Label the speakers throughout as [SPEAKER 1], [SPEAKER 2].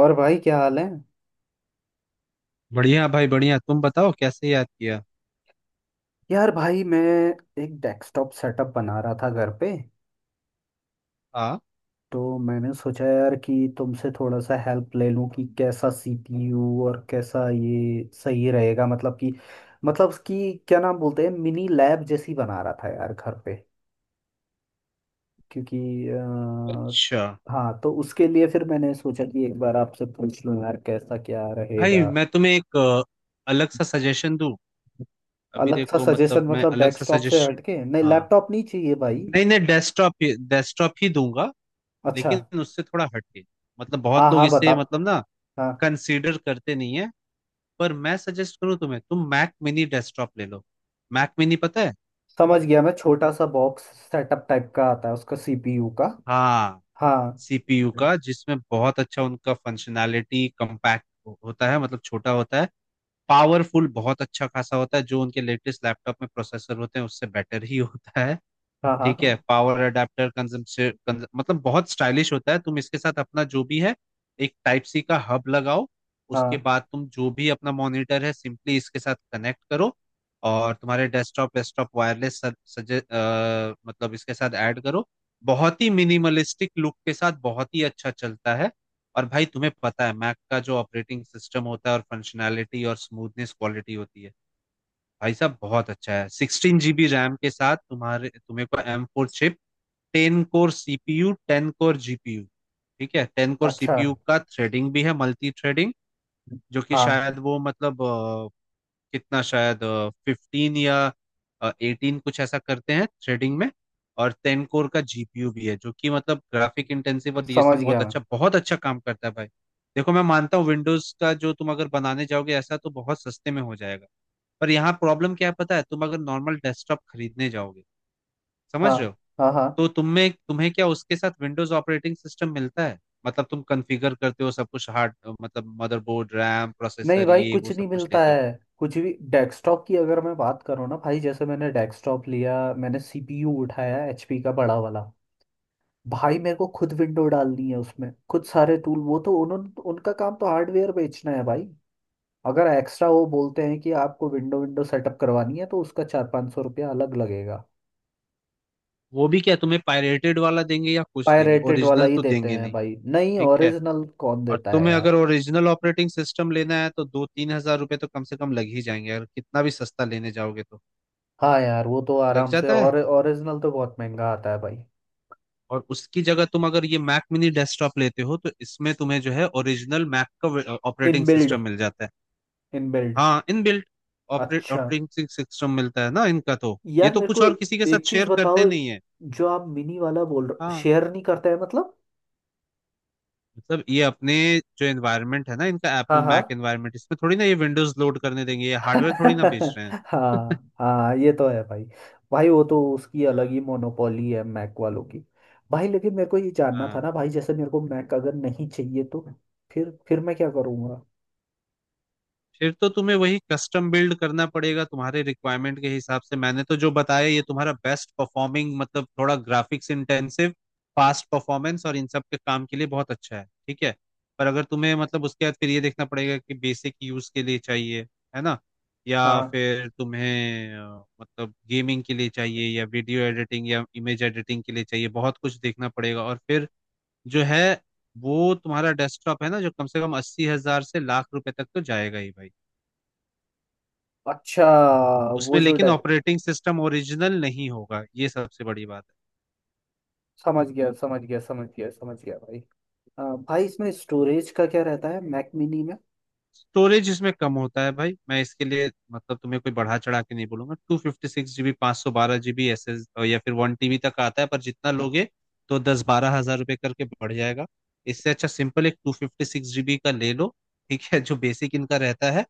[SPEAKER 1] और भाई क्या हाल है।
[SPEAKER 2] बढ़िया भाई बढ़िया। तुम बताओ कैसे याद किया।
[SPEAKER 1] यार भाई मैं एक डेस्कटॉप सेटअप बना रहा था घर पे।
[SPEAKER 2] हाँ,
[SPEAKER 1] तो मैंने सोचा यार कि तुमसे थोड़ा सा हेल्प ले लूं कि कैसा सीपीयू और कैसा ये सही रहेगा। मतलब कि क्या नाम बोलते हैं, मिनी लैब जैसी बना रहा था यार घर पे। क्योंकि
[SPEAKER 2] अच्छा।
[SPEAKER 1] हाँ, तो उसके लिए फिर मैंने सोचा कि एक बार आपसे पूछ लूं यार कैसा क्या
[SPEAKER 2] भाई
[SPEAKER 1] रहेगा।
[SPEAKER 2] मैं तुम्हें एक अलग सा सजेशन दूं। अभी
[SPEAKER 1] अलग सा
[SPEAKER 2] देखो,
[SPEAKER 1] सजेशन
[SPEAKER 2] मतलब मैं
[SPEAKER 1] मतलब
[SPEAKER 2] अलग सा
[SPEAKER 1] डेस्कटॉप से
[SPEAKER 2] सजेशन।
[SPEAKER 1] हटके? नहीं,
[SPEAKER 2] हाँ,
[SPEAKER 1] लैपटॉप नहीं चाहिए भाई।
[SPEAKER 2] नहीं नहीं, डेस्कटॉप ही डेस्कटॉप ही दूंगा।
[SPEAKER 1] अच्छा।
[SPEAKER 2] लेकिन उससे थोड़ा हटके। मतलब बहुत
[SPEAKER 1] हाँ
[SPEAKER 2] लोग
[SPEAKER 1] हाँ, बता।
[SPEAKER 2] इसे मतलब ना
[SPEAKER 1] हाँ।
[SPEAKER 2] कंसीडर करते नहीं है। पर मैं सजेस्ट करूँ तुम्हें, तुम मैक मिनी डेस्कटॉप ले लो। मैक मिनी पता है।
[SPEAKER 1] समझ गया मैं, छोटा सा बॉक्स सेटअप टाइप का आता है, उसका सीपीयू का।
[SPEAKER 2] हाँ,
[SPEAKER 1] हाँ
[SPEAKER 2] सीपीयू का, जिसमें बहुत अच्छा उनका फंक्शनैलिटी कम्पैक्ट होता है मतलब छोटा होता है। पावरफुल बहुत अच्छा खासा होता है, जो उनके लेटेस्ट लैपटॉप में प्रोसेसर होते हैं उससे बेटर ही होता है।
[SPEAKER 1] हाँ।
[SPEAKER 2] ठीक है।
[SPEAKER 1] हाँ
[SPEAKER 2] पावर अडेप्टर कंजम्पशन मतलब बहुत स्टाइलिश होता है। तुम इसके साथ अपना जो भी है एक टाइप सी का हब लगाओ। उसके
[SPEAKER 1] हाँ।
[SPEAKER 2] बाद तुम जो भी अपना मॉनिटर है सिंपली इसके साथ कनेक्ट करो। और तुम्हारे डेस्कटॉप वेस्कटॉप वायरलेस मतलब इसके साथ ऐड करो। बहुत ही मिनिमलिस्टिक लुक के साथ बहुत ही अच्छा चलता है। और भाई तुम्हें पता है, मैक का जो ऑपरेटिंग सिस्टम होता है और फंक्शनैलिटी और स्मूथनेस क्वालिटी होती है, भाई साहब बहुत अच्छा है। 16 जीबी रैम के साथ तुम्हारे तुम्हें को M4 chip, 10 core CPU, 10 core GPU. ठीक है। टेन कोर
[SPEAKER 1] अच्छा।
[SPEAKER 2] सीपीयू का थ्रेडिंग भी है, मल्टी थ्रेडिंग, जो कि
[SPEAKER 1] हाँ।
[SPEAKER 2] शायद वो कितना शायद 15 या 18 कुछ ऐसा करते हैं थ्रेडिंग में। और 10 कोर का जीपीयू भी है, जो कि मतलब ग्राफिक इंटेंसिव और ये
[SPEAKER 1] समझ
[SPEAKER 2] सब
[SPEAKER 1] गया मैं।
[SPEAKER 2] बहुत अच्छा काम करता है भाई। देखो, मैं मानता हूँ विंडोज का जो तुम अगर बनाने जाओगे ऐसा तो बहुत सस्ते में हो जाएगा। पर यहाँ प्रॉब्लम क्या है पता है, तुम अगर नॉर्मल डेस्कटॉप खरीदने जाओगे,
[SPEAKER 1] हाँ
[SPEAKER 2] समझ रहे हो,
[SPEAKER 1] हाँ हाँ।
[SPEAKER 2] तो तुम्हें तुम्हें क्या उसके साथ विंडोज ऑपरेटिंग सिस्टम मिलता है? मतलब तुम कॉन्फ़िगर करते हो सब कुछ, हार्ड मतलब मदरबोर्ड, रैम,
[SPEAKER 1] नहीं
[SPEAKER 2] प्रोसेसर,
[SPEAKER 1] भाई,
[SPEAKER 2] ये
[SPEAKER 1] कुछ
[SPEAKER 2] वो सब
[SPEAKER 1] नहीं
[SPEAKER 2] कुछ
[SPEAKER 1] मिलता
[SPEAKER 2] लेते हो।
[SPEAKER 1] है। कुछ भी डेस्कटॉप की अगर मैं बात करूँ ना भाई, जैसे मैंने डेस्कटॉप लिया, मैंने सीपीयू उठाया एचपी का बड़ा वाला। भाई मेरे को खुद विंडो डालनी है उसमें, खुद सारे टूल। वो तो उन्होंने, उनका काम तो हार्डवेयर बेचना है भाई। अगर एक्स्ट्रा वो बोलते हैं कि आपको विंडो विंडो सेटअप करवानी है तो उसका 400 500 रुपया अलग लगेगा।
[SPEAKER 2] वो भी क्या तुम्हें पायरेटेड वाला देंगे या कुछ देंगे,
[SPEAKER 1] पायरेटेड वाला
[SPEAKER 2] ओरिजिनल
[SPEAKER 1] ही
[SPEAKER 2] तो
[SPEAKER 1] देते
[SPEAKER 2] देंगे
[SPEAKER 1] हैं
[SPEAKER 2] नहीं।
[SPEAKER 1] भाई, नहीं
[SPEAKER 2] ठीक है।
[SPEAKER 1] ओरिजिनल कौन
[SPEAKER 2] और
[SPEAKER 1] देता है
[SPEAKER 2] तुम्हें अगर
[SPEAKER 1] यार।
[SPEAKER 2] ओरिजिनल ऑपरेटिंग सिस्टम लेना है तो 2-3 हज़ार रुपए तो कम से कम लग ही जाएंगे, अगर कितना भी सस्ता लेने जाओगे तो।
[SPEAKER 1] हाँ यार वो तो
[SPEAKER 2] लग
[SPEAKER 1] आराम से,
[SPEAKER 2] जाता है।
[SPEAKER 1] और ओरिजिनल तो बहुत महंगा आता है भाई।
[SPEAKER 2] और उसकी जगह तुम अगर ये मैक मिनी डेस्कटॉप लेते हो तो इसमें तुम्हें जो है ओरिजिनल मैक का ऑपरेटिंग
[SPEAKER 1] इनबिल्ड।
[SPEAKER 2] सिस्टम मिल जाता है।
[SPEAKER 1] इनबिल्ड।
[SPEAKER 2] हाँ इनबिल्ट
[SPEAKER 1] अच्छा।
[SPEAKER 2] ऑपरेटिंग सिस्टम मिलता है ना इनका, तो ये
[SPEAKER 1] यार
[SPEAKER 2] तो
[SPEAKER 1] मेरे
[SPEAKER 2] कुछ
[SPEAKER 1] को
[SPEAKER 2] और किसी के
[SPEAKER 1] एक
[SPEAKER 2] साथ
[SPEAKER 1] चीज
[SPEAKER 2] शेयर करते
[SPEAKER 1] बताओ,
[SPEAKER 2] नहीं है।
[SPEAKER 1] जो आप मिनी वाला बोल रहे,
[SPEAKER 2] हाँ,
[SPEAKER 1] शेयर नहीं करते हैं मतलब?
[SPEAKER 2] मतलब ये अपने जो एनवायरनमेंट है ना इनका,
[SPEAKER 1] हाँ
[SPEAKER 2] एप्पल
[SPEAKER 1] हाँ।
[SPEAKER 2] मैक एनवायरनमेंट, इसमें थोड़ी ना ये विंडोज लोड करने देंगे, ये हार्डवेयर थोड़ी ना बेच रहे हैं।
[SPEAKER 1] हाँ हाँ ये तो है भाई। भाई वो तो उसकी अलग ही मोनोपोली है मैक वालों की। भाई लेकिन मेरे को ये जानना था
[SPEAKER 2] हाँ।
[SPEAKER 1] ना भाई, जैसे मेरे को मैक अगर नहीं चाहिए तो फिर मैं क्या करूँगा?
[SPEAKER 2] फिर तो तुम्हें वही कस्टम बिल्ड करना पड़ेगा तुम्हारे रिक्वायरमेंट के हिसाब से। मैंने तो जो बताया ये तुम्हारा बेस्ट परफॉर्मिंग, मतलब थोड़ा ग्राफिक्स इंटेंसिव, फास्ट परफॉर्मेंस और इन सब के काम के लिए बहुत अच्छा है, ठीक है। पर अगर तुम्हें मतलब उसके बाद फिर ये देखना पड़ेगा कि बेसिक यूज के लिए चाहिए, है ना, या
[SPEAKER 1] हाँ।
[SPEAKER 2] फिर तुम्हें मतलब गेमिंग के लिए चाहिए या वीडियो एडिटिंग या इमेज एडिटिंग के लिए चाहिए, बहुत कुछ देखना पड़ेगा। और फिर जो है, वो तुम्हारा डेस्कटॉप है ना, जो कम से कम 80 हज़ार से लाख रुपए तक तो जाएगा ही भाई।
[SPEAKER 1] अच्छा।
[SPEAKER 2] उसमें
[SPEAKER 1] वो जो
[SPEAKER 2] लेकिन
[SPEAKER 1] डग,
[SPEAKER 2] ऑपरेटिंग सिस्टम ओरिजिनल नहीं होगा, ये सबसे बड़ी बात है।
[SPEAKER 1] समझ गया समझ गया समझ गया समझ गया भाई। भाई इसमें स्टोरेज का क्या रहता है मैक मिनी में?
[SPEAKER 2] स्टोरेज इसमें कम होता है भाई, मैं इसके लिए मतलब तुम्हें कोई बढ़ा चढ़ा के नहीं बोलूंगा। 256 जीबी, 512 जीबी एस एस, या फिर 1 टीबी तक आता है, पर जितना लोगे तो 10-12 हज़ार रुपए करके बढ़ जाएगा। इससे अच्छा सिंपल एक 256 जीबी का ले लो, ठीक है, जो बेसिक इनका रहता है।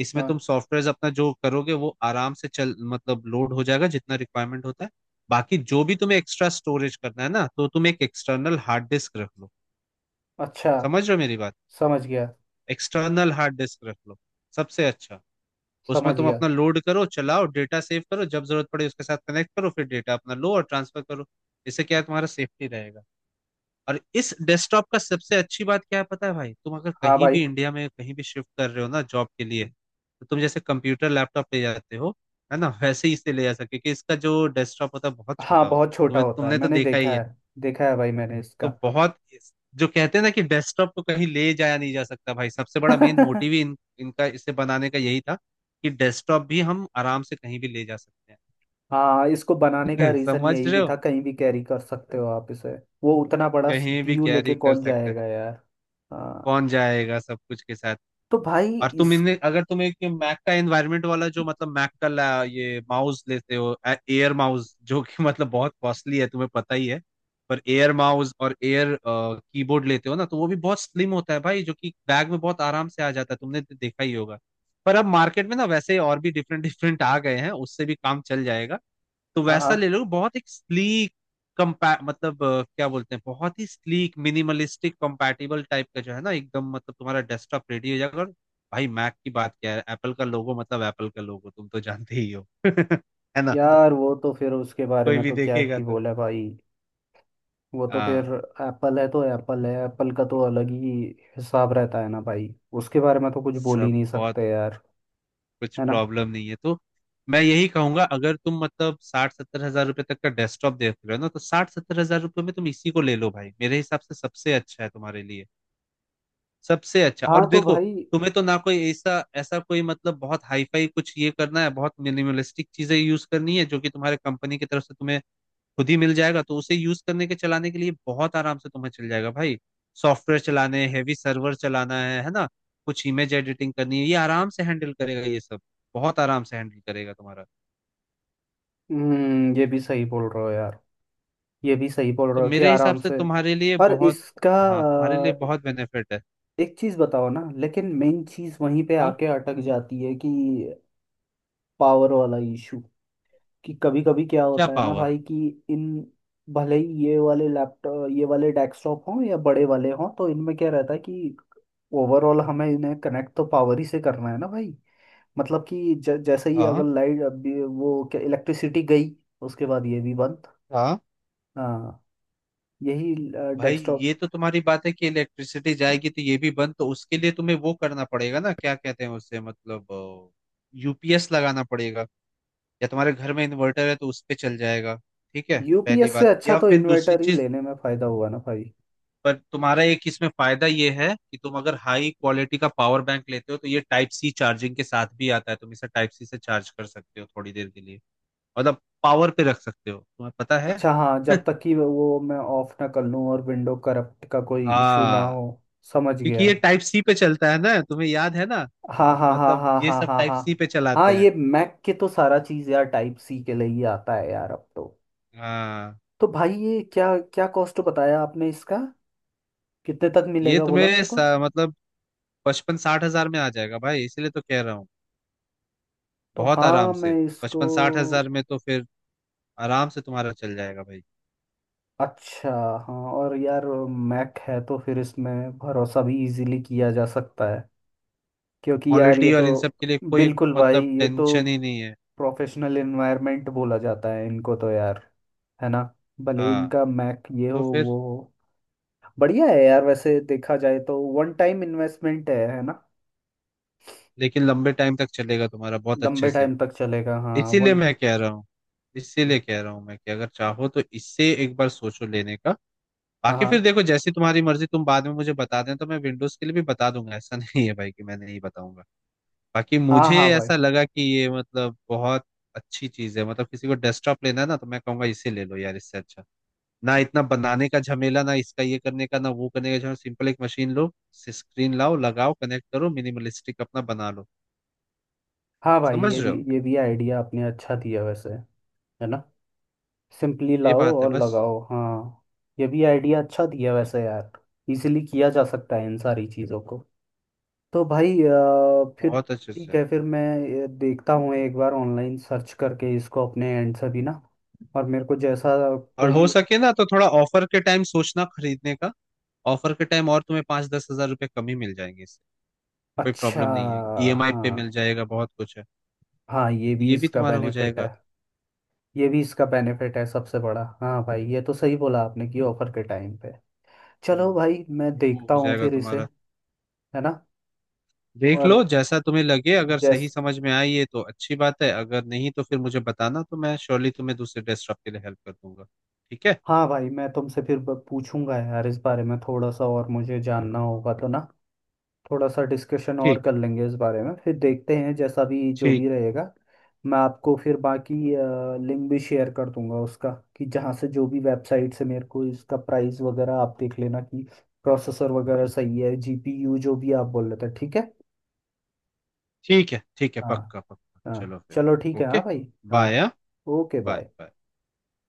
[SPEAKER 2] इसमें
[SPEAKER 1] हाँ।
[SPEAKER 2] तुम सॉफ्टवेयर अपना जो करोगे वो आराम से चल, मतलब लोड हो जाएगा, जितना रिक्वायरमेंट होता है। बाकी जो भी तुम्हें एक्स्ट्रा स्टोरेज करना है ना, तो तुम एक एक्सटर्नल हार्ड डिस्क रख लो।
[SPEAKER 1] अच्छा।
[SPEAKER 2] समझ रहे हो मेरी बात?
[SPEAKER 1] समझ गया।
[SPEAKER 2] एक्सटर्नल हार्ड डिस्क रख लो, सबसे अच्छा। उसमें
[SPEAKER 1] समझ
[SPEAKER 2] तुम
[SPEAKER 1] गया।
[SPEAKER 2] अपना लोड करो, चलाओ, डेटा सेव करो, जब जरूरत पड़े उसके साथ कनेक्ट करो, फिर डेटा अपना लो और ट्रांसफर करो। इससे क्या है, तुम्हारा सेफ्टी रहेगा। और इस डेस्कटॉप का सबसे अच्छी बात क्या है पता है भाई, तुम अगर
[SPEAKER 1] हाँ
[SPEAKER 2] कहीं
[SPEAKER 1] भाई।
[SPEAKER 2] भी इंडिया में कहीं भी शिफ्ट कर रहे हो ना जॉब के लिए, तो तुम जैसे कंप्यूटर लैपटॉप ले जाते हो, है ना, वैसे ही इसे ले जा सकते हो, क्योंकि इसका जो डेस्कटॉप होता है बहुत
[SPEAKER 1] हाँ
[SPEAKER 2] छोटा होता
[SPEAKER 1] बहुत
[SPEAKER 2] है,
[SPEAKER 1] छोटा
[SPEAKER 2] तुम्हें
[SPEAKER 1] होता है,
[SPEAKER 2] तुमने तो
[SPEAKER 1] मैंने
[SPEAKER 2] देखा ही
[SPEAKER 1] देखा
[SPEAKER 2] है।
[SPEAKER 1] है। देखा है भाई मैंने इसका।
[SPEAKER 2] तो बहुत, जो कहते हैं ना कि डेस्कटॉप को कहीं ले जाया नहीं जा सकता भाई, सबसे बड़ा मेन मोटिव ही इनका इसे बनाने का यही था कि डेस्कटॉप भी हम आराम से कहीं भी ले जा सकते
[SPEAKER 1] हाँ, इसको बनाने का
[SPEAKER 2] हैं।
[SPEAKER 1] रीज़न
[SPEAKER 2] समझ
[SPEAKER 1] यही
[SPEAKER 2] रहे
[SPEAKER 1] भी
[SPEAKER 2] हो,
[SPEAKER 1] था, कहीं भी कैरी कर सकते हो आप इसे। वो उतना बड़ा
[SPEAKER 2] कहीं भी
[SPEAKER 1] सीपीयू लेके
[SPEAKER 2] कैरी कर
[SPEAKER 1] कौन
[SPEAKER 2] सकते हैं।
[SPEAKER 1] जाएगा यार। हाँ।
[SPEAKER 2] कौन जाएगा सब कुछ के साथ?
[SPEAKER 1] तो भाई
[SPEAKER 2] और तुम
[SPEAKER 1] इस,
[SPEAKER 2] इन्हें अगर तुम एक मैक का एनवायरनमेंट वाला जो मतलब मैक का ये माउस लेते हो, एयर माउस, जो कि मतलब बहुत कॉस्टली है तुम्हें पता ही है। पर एयर माउस और एयर कीबोर्ड लेते हो ना तो वो भी बहुत स्लिम होता है भाई, जो कि बैग में बहुत आराम से आ जाता है, तुमने तो देखा ही होगा। पर अब मार्केट में ना वैसे और भी डिफरेंट डिफरेंट आ गए हैं, उससे भी काम चल जाएगा। तो
[SPEAKER 1] हाँ
[SPEAKER 2] वैसा
[SPEAKER 1] हाँ
[SPEAKER 2] ले लो, बहुत एक स्लीक क्या बोलते हैं, बहुत ही स्लीक मिनिमलिस्टिक कंपैटिबल टाइप का जो है ना, एकदम मतलब तुम्हारा डेस्कटॉप रेडी हो जाएगा। और भाई मैक की बात क्या है, एप्पल का लोगो, मतलब एप्पल का लोगो तुम तो जानते ही हो। है ना,
[SPEAKER 1] यार, वो तो फिर उसके बारे
[SPEAKER 2] कोई
[SPEAKER 1] में
[SPEAKER 2] भी
[SPEAKER 1] तो क्या
[SPEAKER 2] देखेगा
[SPEAKER 1] ही
[SPEAKER 2] तो।
[SPEAKER 1] बोला भाई। वो तो फिर
[SPEAKER 2] हाँ,
[SPEAKER 1] एप्पल है तो एप्पल है, एप्पल का तो अलग ही हिसाब रहता है ना भाई। उसके बारे में तो कुछ बोल ही
[SPEAKER 2] सब
[SPEAKER 1] नहीं
[SPEAKER 2] बहुत,
[SPEAKER 1] सकते यार,
[SPEAKER 2] कुछ
[SPEAKER 1] है ना।
[SPEAKER 2] प्रॉब्लम नहीं है तो। मैं यही कहूंगा, अगर तुम मतलब 60-70 हज़ार रुपए तक का डेस्कटॉप देख रहे हो ना, तो 60-70 हज़ार रुपए में तुम इसी को ले लो भाई, मेरे हिसाब से सबसे अच्छा है तुम्हारे लिए। सबसे अच्छा।
[SPEAKER 1] हाँ
[SPEAKER 2] और
[SPEAKER 1] तो
[SPEAKER 2] देखो,
[SPEAKER 1] भाई,
[SPEAKER 2] तुम्हें तो ना कोई ऐसा ऐसा, कोई मतलब बहुत हाई फाई कुछ ये करना है, बहुत मिनिमलिस्टिक चीजें यूज करनी है, जो कि तुम्हारे कंपनी की तरफ से तुम्हें खुद ही मिल जाएगा, तो उसे यूज करने के, चलाने के लिए बहुत आराम से तुम्हें चल जाएगा भाई। सॉफ्टवेयर चलाने, हैवी सर्वर चलाना है ना, कुछ इमेज एडिटिंग करनी है, ये आराम से हैंडल करेगा ये सब। बहुत आराम से हैंडल करेगा तुम्हारा।
[SPEAKER 1] ये भी सही बोल रहे हो यार। ये भी सही बोल
[SPEAKER 2] तो
[SPEAKER 1] रहे हो कि
[SPEAKER 2] मेरे हिसाब
[SPEAKER 1] आराम
[SPEAKER 2] से
[SPEAKER 1] से।
[SPEAKER 2] तुम्हारे लिए
[SPEAKER 1] और
[SPEAKER 2] बहुत,
[SPEAKER 1] इसका
[SPEAKER 2] हाँ तुम्हारे लिए
[SPEAKER 1] अ,
[SPEAKER 2] बहुत बेनिफिट है।
[SPEAKER 1] एक चीज बताओ ना, लेकिन मेन चीज वहीं पे
[SPEAKER 2] हाँ।
[SPEAKER 1] आके अटक जाती है कि पावर वाला इशू। कि कभी कभी क्या
[SPEAKER 2] क्या
[SPEAKER 1] होता है ना
[SPEAKER 2] पावर?
[SPEAKER 1] भाई कि इन, भले ही ये वाले लैपटॉप ये वाले डेस्कटॉप हों या बड़े वाले हों, तो इनमें क्या रहता है कि ओवरऑल हमें इन्हें कनेक्ट तो पावर ही से करना है ना भाई। मतलब कि जैसे ही अगर
[SPEAKER 2] हाँ
[SPEAKER 1] लाइट अभी, वो क्या इलेक्ट्रिसिटी गई, उसके बाद ये भी बंद।
[SPEAKER 2] हाँ
[SPEAKER 1] हाँ। यही
[SPEAKER 2] भाई,
[SPEAKER 1] डेस्कटॉप।
[SPEAKER 2] ये तो तुम्हारी बात है कि इलेक्ट्रिसिटी जाएगी तो ये भी बंद, तो उसके लिए तुम्हें वो करना पड़ेगा ना, क्या कहते हैं उससे, मतलब यूपीएस लगाना पड़ेगा, या तुम्हारे घर में इन्वर्टर है तो उस पे चल जाएगा। ठीक है पहली
[SPEAKER 1] यूपीएस से
[SPEAKER 2] बात,
[SPEAKER 1] अच्छा
[SPEAKER 2] या
[SPEAKER 1] तो
[SPEAKER 2] फिर दूसरी
[SPEAKER 1] इन्वर्टर ही
[SPEAKER 2] चीज
[SPEAKER 1] लेने में फ़ायदा हुआ ना भाई।
[SPEAKER 2] पर तुम्हारा एक इसमें फायदा ये है कि तुम अगर हाई क्वालिटी का पावर बैंक लेते हो तो ये टाइप सी चार्जिंग के साथ भी आता है, तुम इसे टाइप सी से चार्ज कर सकते हो थोड़ी देर के लिए, मतलब पावर पे रख सकते हो, तुम्हें पता है।
[SPEAKER 1] अच्छा, हाँ, जब तक कि वो मैं ऑफ ना कर लूँ और विंडो करप्ट का कोई इशू ना
[SPEAKER 2] हाँ,
[SPEAKER 1] हो। समझ
[SPEAKER 2] क्योंकि
[SPEAKER 1] गया।
[SPEAKER 2] ये टाइप सी पे चलता है ना, तुम्हें याद है ना,
[SPEAKER 1] हाँ हाँ हाँ
[SPEAKER 2] मतलब
[SPEAKER 1] हाँ
[SPEAKER 2] ये
[SPEAKER 1] हाँ
[SPEAKER 2] सब
[SPEAKER 1] हाँ
[SPEAKER 2] टाइप
[SPEAKER 1] हाँ।
[SPEAKER 2] सी पे
[SPEAKER 1] हाँ
[SPEAKER 2] चलाते हैं।
[SPEAKER 1] ये मैक के तो सारा चीज़ यार टाइप सी के लिए ही आता है यार अब तो।
[SPEAKER 2] हाँ।
[SPEAKER 1] तो भाई ये क्या, क्या कॉस्ट बताया आपने इसका, कितने तक
[SPEAKER 2] ये
[SPEAKER 1] मिलेगा बोला
[SPEAKER 2] तुम्हें
[SPEAKER 1] मेरे
[SPEAKER 2] स-
[SPEAKER 1] को?
[SPEAKER 2] मतलब 55-60 हज़ार में आ जाएगा भाई, इसीलिए तो कह रहा हूँ।
[SPEAKER 1] तो
[SPEAKER 2] बहुत
[SPEAKER 1] हाँ
[SPEAKER 2] आराम से
[SPEAKER 1] मैं इसको,
[SPEAKER 2] 55-60 हज़ार में तो फिर आराम से तुम्हारा चल जाएगा भाई।
[SPEAKER 1] अच्छा। हाँ और यार, मैक है तो फिर इसमें भरोसा भी इजीली किया जा सकता है, क्योंकि यार ये
[SPEAKER 2] क्वालिटी और
[SPEAKER 1] तो,
[SPEAKER 2] इन सब के लिए कोई
[SPEAKER 1] बिल्कुल भाई
[SPEAKER 2] मतलब
[SPEAKER 1] ये तो
[SPEAKER 2] टेंशन ही नहीं है।
[SPEAKER 1] प्रोफेशनल एनवायरनमेंट बोला जाता है इनको तो यार, है ना। भले
[SPEAKER 2] हाँ,
[SPEAKER 1] इनका मैक ये हो
[SPEAKER 2] तो फिर
[SPEAKER 1] वो हो, बढ़िया है यार। वैसे देखा जाए तो वन टाइम इन्वेस्टमेंट है ना।
[SPEAKER 2] लेकिन लंबे टाइम तक चलेगा तुम्हारा बहुत अच्छे
[SPEAKER 1] लंबे
[SPEAKER 2] से।
[SPEAKER 1] टाइम तक चलेगा, हाँ।
[SPEAKER 2] इसीलिए
[SPEAKER 1] वन।
[SPEAKER 2] मैं कह रहा हूँ, इसीलिए कह रहा हूँ मैं, कि अगर चाहो तो इससे एक बार सोचो लेने का।
[SPEAKER 1] हाँ
[SPEAKER 2] बाकी फिर
[SPEAKER 1] हाँ।
[SPEAKER 2] देखो, जैसी तुम्हारी मर्जी, तुम बाद में मुझे बता दें तो मैं विंडोज के लिए भी बता दूंगा, ऐसा नहीं है भाई कि मैं नहीं बताऊंगा। बाकी
[SPEAKER 1] हाँ
[SPEAKER 2] मुझे
[SPEAKER 1] हाँ भाई।
[SPEAKER 2] ऐसा लगा कि ये मतलब बहुत अच्छी चीज है, मतलब किसी को डेस्कटॉप लेना है ना, तो मैं कहूंगा इसे ले लो यार, इससे अच्छा। ना इतना बनाने का झमेला, ना इसका ये करने का, ना वो करने का झमेला, सिंपल एक मशीन लो, स्क्रीन लाओ, लगाओ, कनेक्ट करो, मिनिमलिस्टिक अपना बना लो।
[SPEAKER 1] हाँ भाई
[SPEAKER 2] समझ
[SPEAKER 1] ये
[SPEAKER 2] रहे
[SPEAKER 1] भी,
[SPEAKER 2] हो,
[SPEAKER 1] ये भी आइडिया आपने अच्छा दिया वैसे, है ना। सिंपली
[SPEAKER 2] ये
[SPEAKER 1] लाओ
[SPEAKER 2] बात है
[SPEAKER 1] और
[SPEAKER 2] बस,
[SPEAKER 1] लगाओ, हाँ। ये भी आइडिया अच्छा दिया वैसे यार। इजीली किया जा सकता है इन सारी चीज़ों को। तो भाई फिर
[SPEAKER 2] बहुत अच्छे
[SPEAKER 1] ठीक
[SPEAKER 2] से।
[SPEAKER 1] है, फिर मैं ये देखता हूँ एक बार ऑनलाइन सर्च करके इसको अपने एंड से भी ना। और मेरे को जैसा
[SPEAKER 2] और हो
[SPEAKER 1] कोई,
[SPEAKER 2] सके ना तो थोड़ा ऑफर के टाइम सोचना खरीदने का। ऑफर के टाइम और तुम्हें 5-10 हज़ार रुपए कम ही मिल जाएंगे इससे। कोई
[SPEAKER 1] अच्छा।
[SPEAKER 2] प्रॉब्लम नहीं है, ईएमआई पे
[SPEAKER 1] हाँ
[SPEAKER 2] मिल जाएगा बहुत कुछ है।
[SPEAKER 1] हाँ ये भी
[SPEAKER 2] ये भी
[SPEAKER 1] इसका
[SPEAKER 2] तुम्हारा हो
[SPEAKER 1] बेनिफिट
[SPEAKER 2] जाएगा।
[SPEAKER 1] है। ये भी इसका बेनिफिट है सबसे बड़ा, हाँ भाई ये तो सही बोला आपने कि ऑफर के टाइम पे। चलो
[SPEAKER 2] हम्म,
[SPEAKER 1] भाई मैं
[SPEAKER 2] वो
[SPEAKER 1] देखता
[SPEAKER 2] हो
[SPEAKER 1] हूँ
[SPEAKER 2] जाएगा
[SPEAKER 1] फिर इसे,
[SPEAKER 2] तुम्हारा।
[SPEAKER 1] है ना।
[SPEAKER 2] देख
[SPEAKER 1] और
[SPEAKER 2] लो, जैसा तुम्हें लगे, अगर सही
[SPEAKER 1] जैस,
[SPEAKER 2] समझ में आई है तो अच्छी बात है, अगर नहीं तो फिर मुझे बताना, तो मैं श्योरली तुम्हें दूसरे ड्रेस शॉप के लिए हेल्प कर दूंगा। ठीक है।
[SPEAKER 1] हाँ भाई मैं तुमसे फिर पूछूंगा यार इस बारे में, थोड़ा सा और मुझे जानना होगा तो ना, थोड़ा सा डिस्कशन और
[SPEAKER 2] ठीक।
[SPEAKER 1] कर लेंगे इस बारे में, फिर देखते हैं जैसा भी, जो
[SPEAKER 2] ठीक
[SPEAKER 1] भी
[SPEAKER 2] है।
[SPEAKER 1] रहेगा। मैं आपको फिर बाकी लिंक भी शेयर कर दूंगा उसका, कि जहाँ से, जो भी वेबसाइट से मेरे को इसका प्राइस वगैरह आप देख लेना, कि प्रोसेसर वगैरह सही है, जीपीयू जो भी आप बोल रहे थे। ठीक है।
[SPEAKER 2] ठीक है। ठीक है
[SPEAKER 1] हाँ
[SPEAKER 2] पक्का पक्का,
[SPEAKER 1] हाँ,
[SPEAKER 2] चलो फिर।
[SPEAKER 1] चलो ठीक है। हाँ
[SPEAKER 2] ओके,
[SPEAKER 1] भाई। हाँ
[SPEAKER 2] bye.
[SPEAKER 1] Okay
[SPEAKER 2] bye
[SPEAKER 1] bye.
[SPEAKER 2] Bye.